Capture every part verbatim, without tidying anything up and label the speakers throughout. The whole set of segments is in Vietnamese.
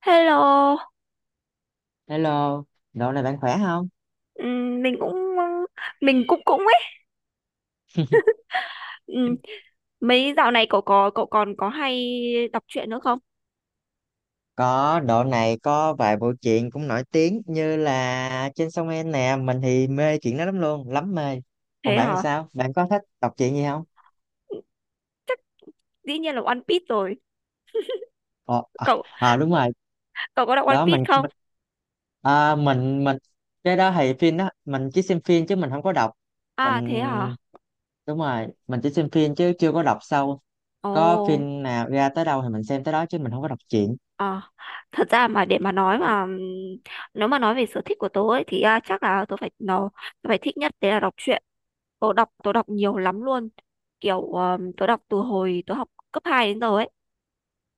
Speaker 1: Hello.
Speaker 2: Hello, độ này bạn khỏe không?
Speaker 1: Ừm, mình cũng mình cũng cũng ấy. Ừm, Mấy dạo này cậu có cậu còn có hay đọc truyện nữa không?
Speaker 2: Có, độ này có vài bộ truyện cũng nổi tiếng như là Trên sông En nè, mình thì mê chuyện đó lắm luôn, lắm mê. Còn
Speaker 1: Thế
Speaker 2: bạn thì
Speaker 1: hả?
Speaker 2: sao? Bạn có thích đọc truyện gì không?
Speaker 1: Chắc dĩ nhiên là One Piece rồi.
Speaker 2: Ờ, à,
Speaker 1: Cậu
Speaker 2: à, đúng rồi.
Speaker 1: cậu có đọc One
Speaker 2: đó
Speaker 1: Piece
Speaker 2: mình
Speaker 1: không?
Speaker 2: mình, à, mình mình cái đó thì phim đó, mình chỉ xem phim chứ mình không có đọc.
Speaker 1: À thế hả?
Speaker 2: Mình đúng rồi, mình chỉ xem phim chứ chưa có đọc sâu. Có
Speaker 1: Ồ,
Speaker 2: phim nào ra tới đâu thì mình xem tới đó chứ mình không có đọc truyện.
Speaker 1: à, thật ra mà để mà nói mà ừm, nếu mà nói về sở thích của tớ ấy thì à, chắc là tớ phải nó tớ phải thích nhất đấy là đọc truyện. Tớ đọc tớ đọc nhiều lắm luôn. Kiểu um, tớ đọc từ hồi tớ học cấp hai đến giờ ấy.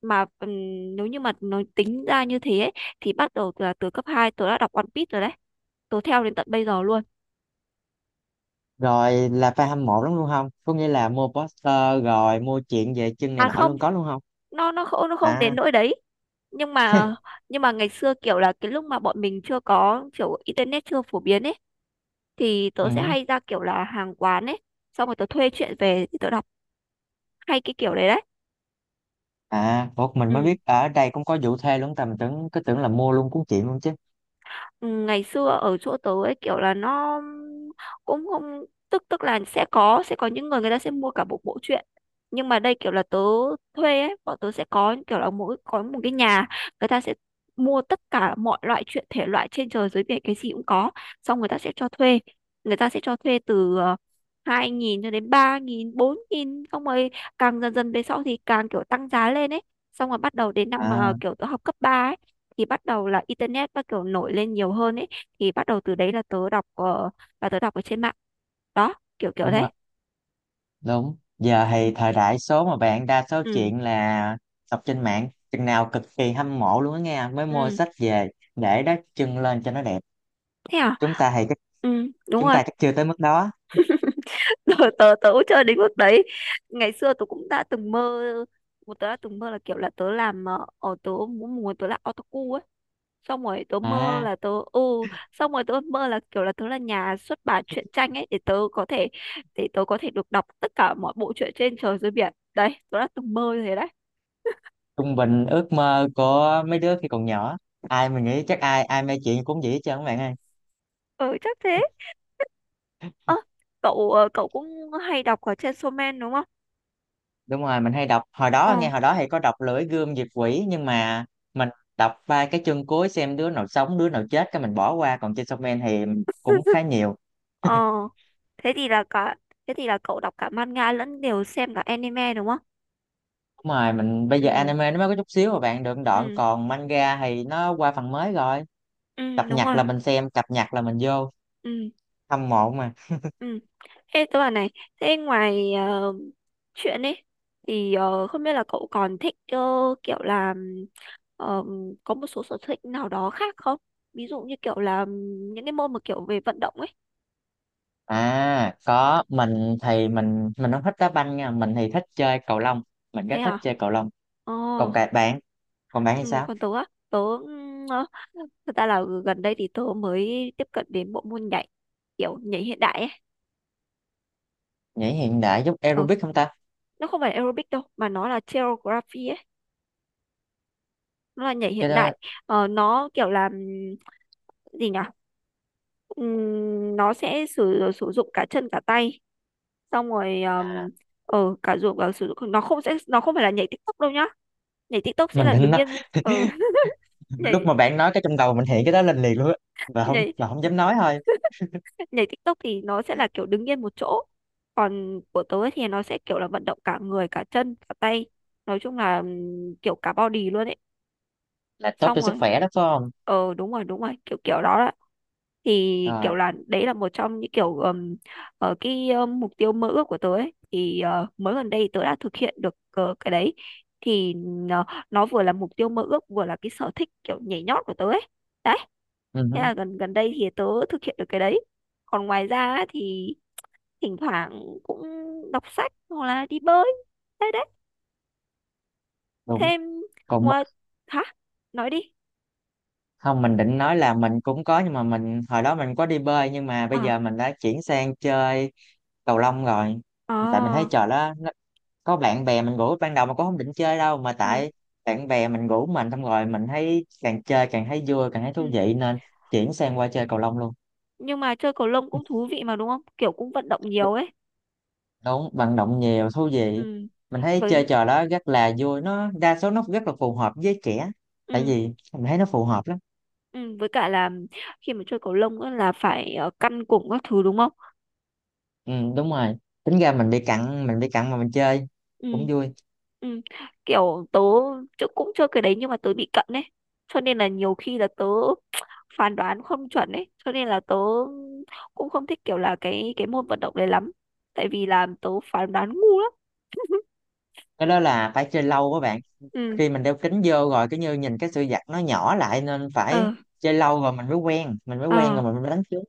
Speaker 1: Mà ừm, nếu như mà nói tính ra như thế ấy, thì bắt đầu từ là từ cấp hai tớ đã đọc One Piece rồi đấy, tớ theo đến tận bây giờ luôn.
Speaker 2: Rồi là fan hâm mộ lắm luôn không? Có nghĩa là mua poster rồi mua chuyện về chân này
Speaker 1: À
Speaker 2: nọ
Speaker 1: không,
Speaker 2: luôn có luôn không?
Speaker 1: nó nó không nó không đến
Speaker 2: À,
Speaker 1: nỗi đấy. Nhưng mà nhưng mà ngày xưa kiểu là cái lúc mà bọn mình chưa có kiểu internet chưa phổ biến ấy, thì tớ sẽ
Speaker 2: ừ.
Speaker 1: hay ra kiểu là hàng quán ấy, xong rồi tớ thuê truyện về thì tớ đọc, hay cái kiểu đấy đấy.
Speaker 2: À, một mình mới
Speaker 1: Ừ.
Speaker 2: biết ở đây cũng có vụ thuê luôn, tầm tưởng cứ tưởng là mua luôn cuốn chuyện luôn chứ.
Speaker 1: Ừ, ngày xưa ở chỗ tớ ấy kiểu là nó cũng không, tức tức là sẽ có, sẽ có những người người ta sẽ mua cả một bộ truyện, nhưng mà đây kiểu là tớ thuê ấy, bọn tớ sẽ có kiểu là mỗi có một cái nhà, người ta sẽ mua tất cả mọi loại truyện, thể loại trên trời dưới biển cái gì cũng có, xong người ta sẽ cho thuê, người ta sẽ cho thuê từ ờ, hai nghìn cho đến ba nghìn, bốn nghìn, xong rồi càng dần dần về sau thì càng kiểu tăng giá lên ấy. Xong rồi bắt đầu đến năm mà
Speaker 2: À,
Speaker 1: kiểu tớ học cấp ba, thì bắt đầu là internet bắt đầu nổi lên nhiều hơn ấy, thì bắt đầu từ đấy là tớ đọc ờ, là tớ đọc ở trên mạng đó, kiểu kiểu
Speaker 2: đúng
Speaker 1: thế.
Speaker 2: rồi, đúng. Giờ thì
Speaker 1: Ừ.
Speaker 2: thời đại số mà bạn, đa số
Speaker 1: Ừ.
Speaker 2: chuyện là đọc trên mạng, chừng nào cực kỳ hâm mộ luôn á nghe, mới mua
Speaker 1: Ừ.
Speaker 2: sách về để đắp chân lên cho nó đẹp.
Speaker 1: Thế à.
Speaker 2: Chúng ta thì chắc
Speaker 1: Ừ, đúng
Speaker 2: chúng
Speaker 1: rồi.
Speaker 2: ta chắc chưa tới mức đó.
Speaker 1: tớ tớ tớ cũng chơi đến mức đấy, ngày xưa tớ cũng đã từng mơ, một tớ đã từng mơ là kiểu là tớ làm, ờ, ở tớ muốn muốn tớ là otaku ấy, xong rồi tớ mơ
Speaker 2: À,
Speaker 1: là tớ ừ xong rồi tớ mơ là kiểu là tớ là nhà xuất bản truyện tranh ấy, để tớ có thể, để tớ có thể được đọc tất cả mọi bộ truyện trên trời dưới biển đấy, tớ đã từng mơ như thế đấy.
Speaker 2: trung bình ước mơ của mấy đứa khi còn nhỏ, ai mình nghĩ chắc ai ai mê chuyện cũng vậy hết trơn các bạn ơi.
Speaker 1: Ừ, chắc thế. Ơ, cậu, ờ, cậu cũng hay đọc ở trên Shonen đúng không?
Speaker 2: Đúng rồi, mình hay đọc, hồi đó nghe
Speaker 1: Ừ.
Speaker 2: hồi đó hay có đọc Lưỡi Gươm Diệt Quỷ, nhưng mà mình đọc ba cái chương cuối xem đứa nào sống đứa nào chết cái mình bỏ qua, còn trên Shonen thì cũng khá nhiều.
Speaker 1: ờ thế thì là cả thế thì là cậu đọc cả manga lẫn đều xem cả anime đúng không?
Speaker 2: Đúng rồi, mình bây giờ
Speaker 1: Ừ.
Speaker 2: anime nó mới có chút xíu mà bạn được đoạn,
Speaker 1: Ừ.
Speaker 2: còn manga thì nó qua phần mới rồi.
Speaker 1: Ừ,
Speaker 2: Cập
Speaker 1: đúng
Speaker 2: nhật
Speaker 1: rồi.
Speaker 2: là mình xem, cập nhật là mình vô
Speaker 1: Ừ.
Speaker 2: hâm mộ mà.
Speaker 1: Ừ. Thế tớ bảo này. Thế ngoài ờ, chuyện ấy thì, ờ, không biết là cậu còn thích, ờ, kiểu là, ờ, có một số sở thích nào đó khác không? Ví dụ như kiểu là những cái môn mà kiểu về vận động ấy.
Speaker 2: À có, mình thì mình mình không thích đá banh nha, mình thì thích chơi cầu lông, mình rất
Speaker 1: Thế
Speaker 2: thích
Speaker 1: hả?
Speaker 2: chơi cầu lông.
Speaker 1: Ờ.
Speaker 2: Còn cả bạn, còn bạn
Speaker 1: Ừ,
Speaker 2: hay sao?
Speaker 1: còn tớ á, tớ ừm, ờ, thật ra là gần đây thì tớ mới tiếp cận đến bộ môn nhảy, kiểu nhảy hiện đại ấy.
Speaker 2: Nhảy hiện đại giúp
Speaker 1: Ờ,
Speaker 2: aerobic không ta?
Speaker 1: nó không phải là aerobic đâu, mà nó là choreography ấy, nó là nhảy
Speaker 2: Cái
Speaker 1: hiện đại.
Speaker 2: đó
Speaker 1: Ờ, nó kiểu là, ừm, gì nhỉ? Ừm, nó sẽ sử sử dụng cả chân cả tay, xong rồi,
Speaker 2: à,
Speaker 1: ừm, ờ cả dụng cả sử dụng nó không sẽ nó không phải là nhảy TikTok đâu nhá. Nhảy TikTok sẽ
Speaker 2: mình
Speaker 1: là
Speaker 2: định
Speaker 1: đứng
Speaker 2: nói.
Speaker 1: yên, ờ,
Speaker 2: Lúc
Speaker 1: nhảy
Speaker 2: mà bạn nói cái trong đầu mình hiện cái đó lên liền luôn á mà không,
Speaker 1: nhảy
Speaker 2: và không dám nói thôi.
Speaker 1: nhảy TikTok thì nó sẽ là kiểu đứng yên một chỗ, còn của tớ ấy thì nó sẽ kiểu là vận động cả người cả chân cả tay, nói chung là, ừm, kiểu cả body luôn ấy.
Speaker 2: Là tốt cho
Speaker 1: Xong
Speaker 2: sức
Speaker 1: rồi,
Speaker 2: khỏe đó phải không?
Speaker 1: ờ đúng rồi, đúng rồi kiểu kiểu đó, thì
Speaker 2: Rồi,
Speaker 1: kiểu là đấy là một trong những kiểu, ừm, ờ, cái ờ, mục tiêu mơ ước của tớ ấy thì, ờ, mới gần đây tớ đã thực hiện được, ờ, cái đấy, thì nó, nó vừa là mục tiêu mơ ước vừa là cái sở thích kiểu nhảy nhót của tớ ấy đấy.
Speaker 2: ừ
Speaker 1: Thế
Speaker 2: hứ,
Speaker 1: là gần gần đây thì tớ thực hiện được cái đấy. Còn ngoài ra á thì thỉnh thoảng cũng đọc sách hoặc là đi bơi, đấy đấy
Speaker 2: đúng.
Speaker 1: thêm
Speaker 2: Còn m-
Speaker 1: ngoài, hả, nói đi.
Speaker 2: không, mình định nói là mình cũng có, nhưng mà mình hồi đó mình có đi bơi, nhưng mà bây
Speaker 1: À.
Speaker 2: giờ mình đã chuyển sang chơi cầu lông rồi. Tại mình thấy
Speaker 1: À.
Speaker 2: trò đó nó có bạn bè mình rủ ban đầu mà cũng không định chơi đâu, mà
Speaker 1: Ừ.
Speaker 2: tại bạn bè mình rủ mình, xong rồi mình thấy càng chơi càng thấy vui càng thấy thú
Speaker 1: Ừ.
Speaker 2: vị nên chuyển sang qua chơi cầu lông luôn.
Speaker 1: Nhưng mà chơi cầu lông cũng thú vị mà đúng không, kiểu cũng vận động nhiều ấy.
Speaker 2: Đúng, vận động nhiều thú vị.
Speaker 1: Ừ.
Speaker 2: Mình thấy
Speaker 1: Với,
Speaker 2: chơi trò đó rất là vui, nó đa số nó rất là phù hợp với trẻ, tại
Speaker 1: ừ.
Speaker 2: vì mình thấy nó phù hợp lắm.
Speaker 1: Ừ, với cả là khi mà chơi cầu lông á là phải, ờ, căn cùng các thứ đúng không?
Speaker 2: Ừ, đúng rồi, tính ra mình bị cặn, mình bị cặn mà mình chơi
Speaker 1: Ừ.
Speaker 2: cũng vui.
Speaker 1: Ừ. Kiểu tớ, chứ cũng chơi cái đấy nhưng mà tớ bị cận ấy, cho nên là nhiều khi là tớ phán đoán không chuẩn ấy, cho nên là tớ cũng không thích kiểu là cái cái môn vận động đấy lắm, tại vì là tớ phán đoán ngu lắm.
Speaker 2: Cái đó là phải chơi lâu các bạn,
Speaker 1: Ừ.
Speaker 2: khi mình đeo kính vô rồi cứ như nhìn cái sự vật nó nhỏ lại, nên phải
Speaker 1: Ờ.
Speaker 2: chơi lâu rồi mình mới quen, mình mới quen
Speaker 1: Ờ.
Speaker 2: rồi mình mới đánh trúng.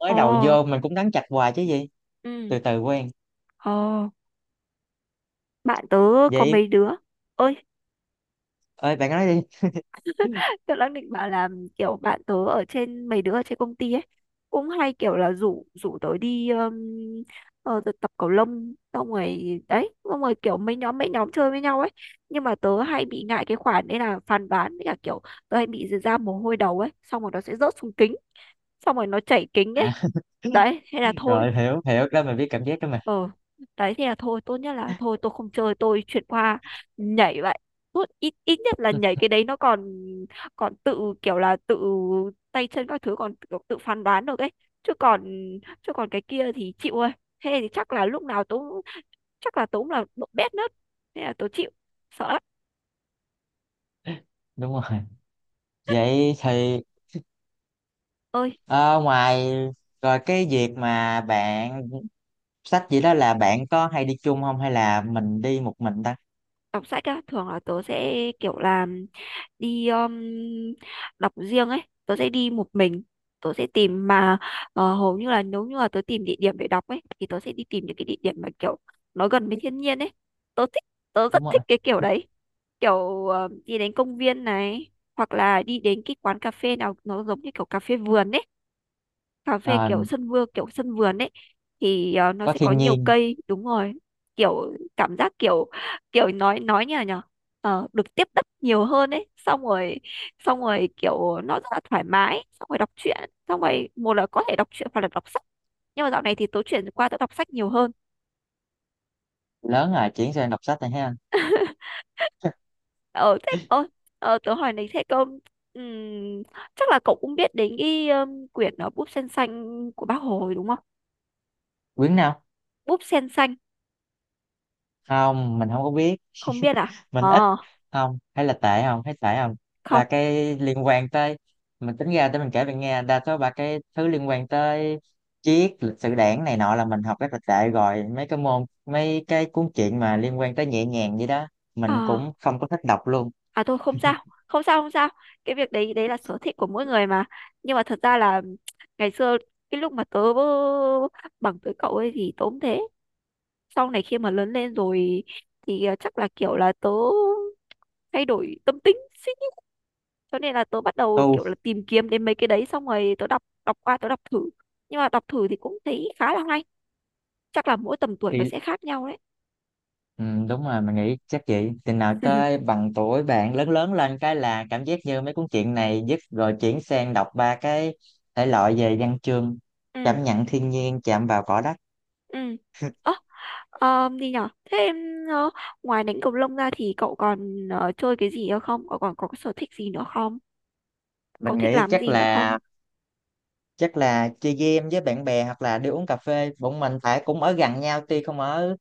Speaker 2: Mới
Speaker 1: Ồ.
Speaker 2: đầu vô mình cũng đánh chạch hoài chứ gì,
Speaker 1: Ừ.
Speaker 2: từ từ quen
Speaker 1: Ồ. Bạn tớ có
Speaker 2: vậy.
Speaker 1: mấy đứa. Ơi.
Speaker 2: Ơi, bạn nói đi.
Speaker 1: Tớ đang định bảo là kiểu bạn tớ ở trên, mấy đứa ở trên công ty ấy, cũng hay kiểu là rủ rủ tớ đi, um, ờ, tớ tập cầu lông xong rồi đấy, xong rồi kiểu mấy nhóm mấy nhóm chơi với nhau ấy. Nhưng mà tớ hay bị ngại cái khoản đấy là phàn nàn, với cả kiểu tớ hay bị ra mồ hôi đầu ấy, xong rồi nó sẽ rớt xuống kính, xong rồi nó chảy kính
Speaker 2: À,
Speaker 1: ấy, đấy hay là thôi.
Speaker 2: rồi, hiểu, hiểu đó, mình biết cảm giác đó mà.
Speaker 1: Ờ. Đấy thì là thôi, tốt nhất là thôi, tôi không chơi, tôi chuyển qua nhảy vậy. Tốt, ít ít nhất là nhảy cái đấy nó còn còn tự kiểu là tự tay chân các thứ còn tự, tự phán đoán được ấy, chứ còn chứ còn cái kia thì chịu ơi. Thế thì chắc là lúc nào tôi cũng- chắc là tôi cũng là độ bét nớt, thế là tôi chịu, sợ lắm.
Speaker 2: Đúng rồi. Vậy thì
Speaker 1: Ơi.
Speaker 2: ờ, ngoài rồi cái việc mà bạn sách gì đó, là bạn có hay đi chung không hay là mình đi một mình ta?
Speaker 1: Đọc sách á thường là tớ sẽ kiểu là đi, um, đọc riêng ấy, tớ sẽ đi một mình, tớ sẽ tìm mà, ờ, hầu như là nếu như là tớ tìm địa điểm để đọc ấy, thì tớ sẽ đi tìm những cái địa điểm mà kiểu nó gần với thiên nhiên ấy, tớ thích, tớ rất
Speaker 2: Đúng rồi.
Speaker 1: thích cái kiểu đấy. Kiểu ờ, đi đến công viên này, hoặc là đi đến cái quán cà phê nào nó giống như kiểu cà phê vườn ấy, cà phê
Speaker 2: Ờ,
Speaker 1: kiểu sân vườn, kiểu sân vườn ấy, thì ờ, nó
Speaker 2: có
Speaker 1: sẽ có
Speaker 2: thiên
Speaker 1: nhiều
Speaker 2: nhiên.
Speaker 1: cây đúng rồi, kiểu cảm giác kiểu, kiểu nói nói như là nhở. Ờ, được tiếp đất nhiều hơn ấy, xong rồi, xong rồi kiểu nó rất là thoải mái, xong rồi đọc truyện, xong rồi một là có thể đọc truyện hoặc là đọc sách, nhưng mà dạo này thì tớ chuyển qua tớ đọc sách nhiều hơn.
Speaker 2: Lớn rồi chuyển sang đọc sách này ha.
Speaker 1: Ờ thế, ờ, ờ tớ hỏi này, thế cậu, ừm, chắc là cậu cũng biết đến cái, um, quyển, ờ, Búp Sen Xanh của Bác Hồ rồi đúng không?
Speaker 2: Quyển nào?
Speaker 1: Búp Sen Xanh.
Speaker 2: Không, mình không có biết.
Speaker 1: Không biết à?
Speaker 2: Mình ít,
Speaker 1: Ờ,
Speaker 2: không hay là tệ, không hay tệ không
Speaker 1: không.
Speaker 2: là cái liên quan tới, mình tính ra để mình kể bạn nghe, đa số ba cái thứ liên quan tới triết, lịch sử đảng này nọ là mình học rất là tệ, rồi mấy cái môn, mấy cái cuốn truyện mà liên quan tới nhẹ nhàng vậy đó mình
Speaker 1: À,
Speaker 2: cũng không có thích đọc luôn.
Speaker 1: à, tôi không sao, không sao, không sao. Cái việc đấy đấy là sở thích của mỗi người mà, nhưng mà thật ra là ngày xưa cái lúc mà tớ bằng tuổi cậu ấy thì tớ cũng thế. Sau này khi mà lớn lên rồi thì, à, chắc là kiểu là tớ thay đổi tâm tính suy nghĩ, cho nên là tớ bắt đầu
Speaker 2: Tu
Speaker 1: kiểu là tìm kiếm đến mấy cái đấy, xong rồi tớ đọc đọc qua tớ đọc thử, nhưng mà đọc thử thì cũng thấy khá là hay, chắc là mỗi tầm tuổi nó
Speaker 2: thì
Speaker 1: sẽ khác nhau đấy.
Speaker 2: ừ, đúng rồi, mình nghĩ chắc vậy, chừng nào tới bằng tuổi bạn lớn, lớn lên cái là cảm giác như mấy cuốn truyện này dứt rồi chuyển sang đọc ba cái thể loại về văn chương,
Speaker 1: Ừ.
Speaker 2: cảm nhận thiên nhiên, chạm vào cỏ đất.
Speaker 1: Ừ. Ờ, gì nhở? Thế em, ờ, ngoài đánh cầu lông ra thì cậu còn, ờ, chơi cái gì nữa không? Cậu còn có cái sở thích gì nữa không? Cậu
Speaker 2: Mình
Speaker 1: thích
Speaker 2: nghĩ
Speaker 1: làm
Speaker 2: chắc
Speaker 1: gì nữa không?
Speaker 2: là, chắc là chơi game với bạn bè hoặc là đi uống cà phê. Bọn mình phải cũng ở gần nhau, tuy không ở,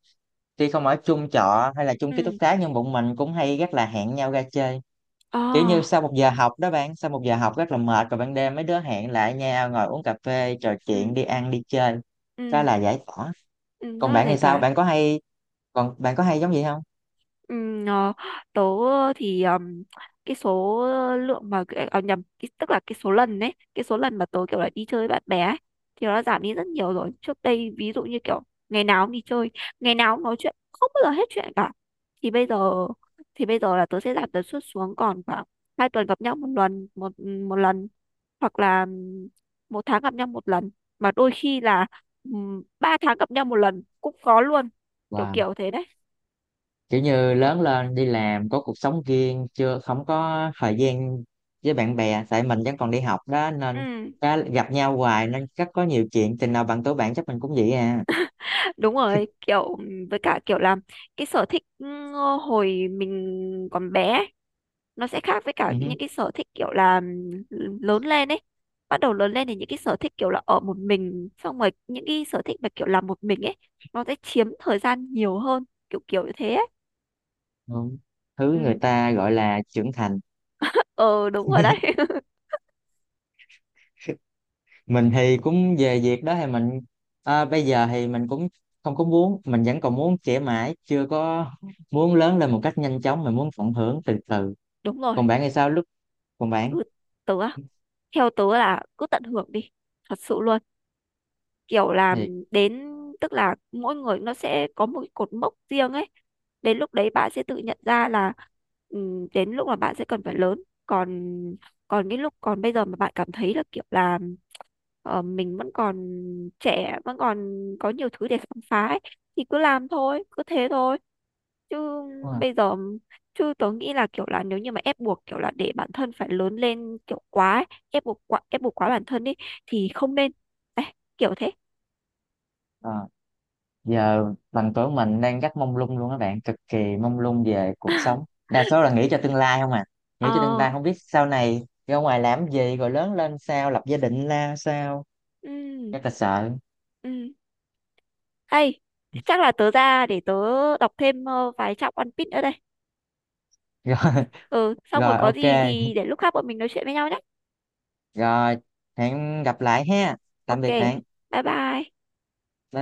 Speaker 2: tuy không ở chung trọ hay là chung ký túc
Speaker 1: Ừ.
Speaker 2: xá nhưng bọn mình cũng hay rất là hẹn nhau ra chơi.
Speaker 1: Ờ.
Speaker 2: Kiểu như sau một giờ học đó bạn, sau một giờ học rất là mệt rồi, ban đêm mấy đứa hẹn lại nhau ngồi uống cà phê trò chuyện,
Speaker 1: Ừ.
Speaker 2: đi ăn đi chơi, đó
Speaker 1: Ừ.
Speaker 2: là giải tỏa.
Speaker 1: Ừ. Rất
Speaker 2: Còn
Speaker 1: là
Speaker 2: bạn
Speaker 1: giải
Speaker 2: thì sao,
Speaker 1: tỏa.
Speaker 2: bạn có hay, còn bạn có hay giống vậy không?
Speaker 1: Ừm, ờ, Tớ, ờ, thì ờm, cái số lượng mà cái-, à, nhầm cái, tức là cái số lần đấy, cái số lần mà tớ kiểu là đi chơi với bạn bè ấy, thì nó giảm đi rất nhiều rồi. Trước đây ví dụ như kiểu ngày nào cũng đi chơi, ngày nào cũng nói chuyện, không bao giờ hết chuyện cả. Thì bây giờ, thì bây giờ là tớ sẽ giảm tần suất xuống còn khoảng hai tuần gặp nhau một lần, một một lần hoặc là ừm, một tháng gặp nhau một lần, mà đôi khi là ừm, ba tháng gặp nhau một lần cũng có luôn, kiểu
Speaker 2: Wow,
Speaker 1: kiểu thế đấy.
Speaker 2: kiểu như lớn lên đi làm có cuộc sống riêng chưa, không có thời gian với bạn bè. Tại mình vẫn còn đi học đó nên
Speaker 1: Ừ.
Speaker 2: đã gặp nhau hoài, nên chắc có nhiều chuyện, tình nào bằng tuổi bạn chắc mình cũng vậy à.
Speaker 1: Đúng rồi, kiểu với cả kiểu là cái sở thích, ừ, hồi mình còn bé ấy, nó sẽ khác với cả
Speaker 2: Ừ hứ.
Speaker 1: những cái sở thích kiểu là, ừ, lớn lên ấy. Bắt đầu lớn lên thì những cái sở thích kiểu là ở một mình, xong rồi những cái sở thích mà kiểu làm một mình ấy nó sẽ chiếm thời gian nhiều hơn, kiểu kiểu như thế ấy.
Speaker 2: Ừ, thứ người
Speaker 1: Ừ,
Speaker 2: ta gọi là trưởng thành.
Speaker 1: ờ đúng rồi đấy.
Speaker 2: Mình thì cũng về việc đó thì mình, à, bây giờ thì mình cũng không có muốn, mình vẫn còn muốn trẻ mãi, chưa có muốn lớn lên một cách nhanh chóng, mình muốn tận hưởng từ từ.
Speaker 1: Đúng rồi,
Speaker 2: Còn bạn thì sao lúc, còn bạn
Speaker 1: cứ tớ á, theo tớ là cứ tận hưởng đi, thật sự luôn. Kiểu là,
Speaker 2: thì
Speaker 1: đến tức là mỗi người nó sẽ có một cái cột mốc riêng ấy, đến lúc đấy bạn sẽ tự nhận ra là, ừm, đến lúc mà bạn sẽ cần phải lớn. Còn, còn cái lúc còn bây giờ mà bạn cảm thấy là kiểu là, ờ, mình vẫn còn trẻ, vẫn còn có nhiều thứ để khám phá ấy, thì cứ làm thôi, cứ thế thôi. chứ
Speaker 2: đúng rồi.
Speaker 1: bây giờ chứ tớ nghĩ là kiểu là nếu như mà ép buộc kiểu là để bản thân phải lớn lên kiểu quá ấy, ép buộc quá ép buộc quá bản thân đi thì không nên. Đấy, kiểu thế.
Speaker 2: Ờ, giờ bằng tuổi mình đang rất mông lung luôn các bạn, cực kỳ mông lung về cuộc sống, đa số là nghĩ cho tương lai không à, nghĩ cho tương
Speaker 1: Ờ,
Speaker 2: lai, không biết sau này ra ngoài làm gì, rồi lớn lên sao, lập gia đình ra sao,
Speaker 1: ừ,
Speaker 2: rất là sợ.
Speaker 1: ừ. Hay, chắc là tớ ra để tớ đọc thêm ờ, vài trang One Piece nữa đây.
Speaker 2: Rồi,
Speaker 1: Ừ, xong rồi
Speaker 2: rồi
Speaker 1: có
Speaker 2: ok.
Speaker 1: gì thì để lúc khác bọn mình nói chuyện với nhau nhé.
Speaker 2: Rồi, hẹn gặp lại ha. Tạm
Speaker 1: Ok,
Speaker 2: biệt bạn. Bye
Speaker 1: bye bye.
Speaker 2: bye.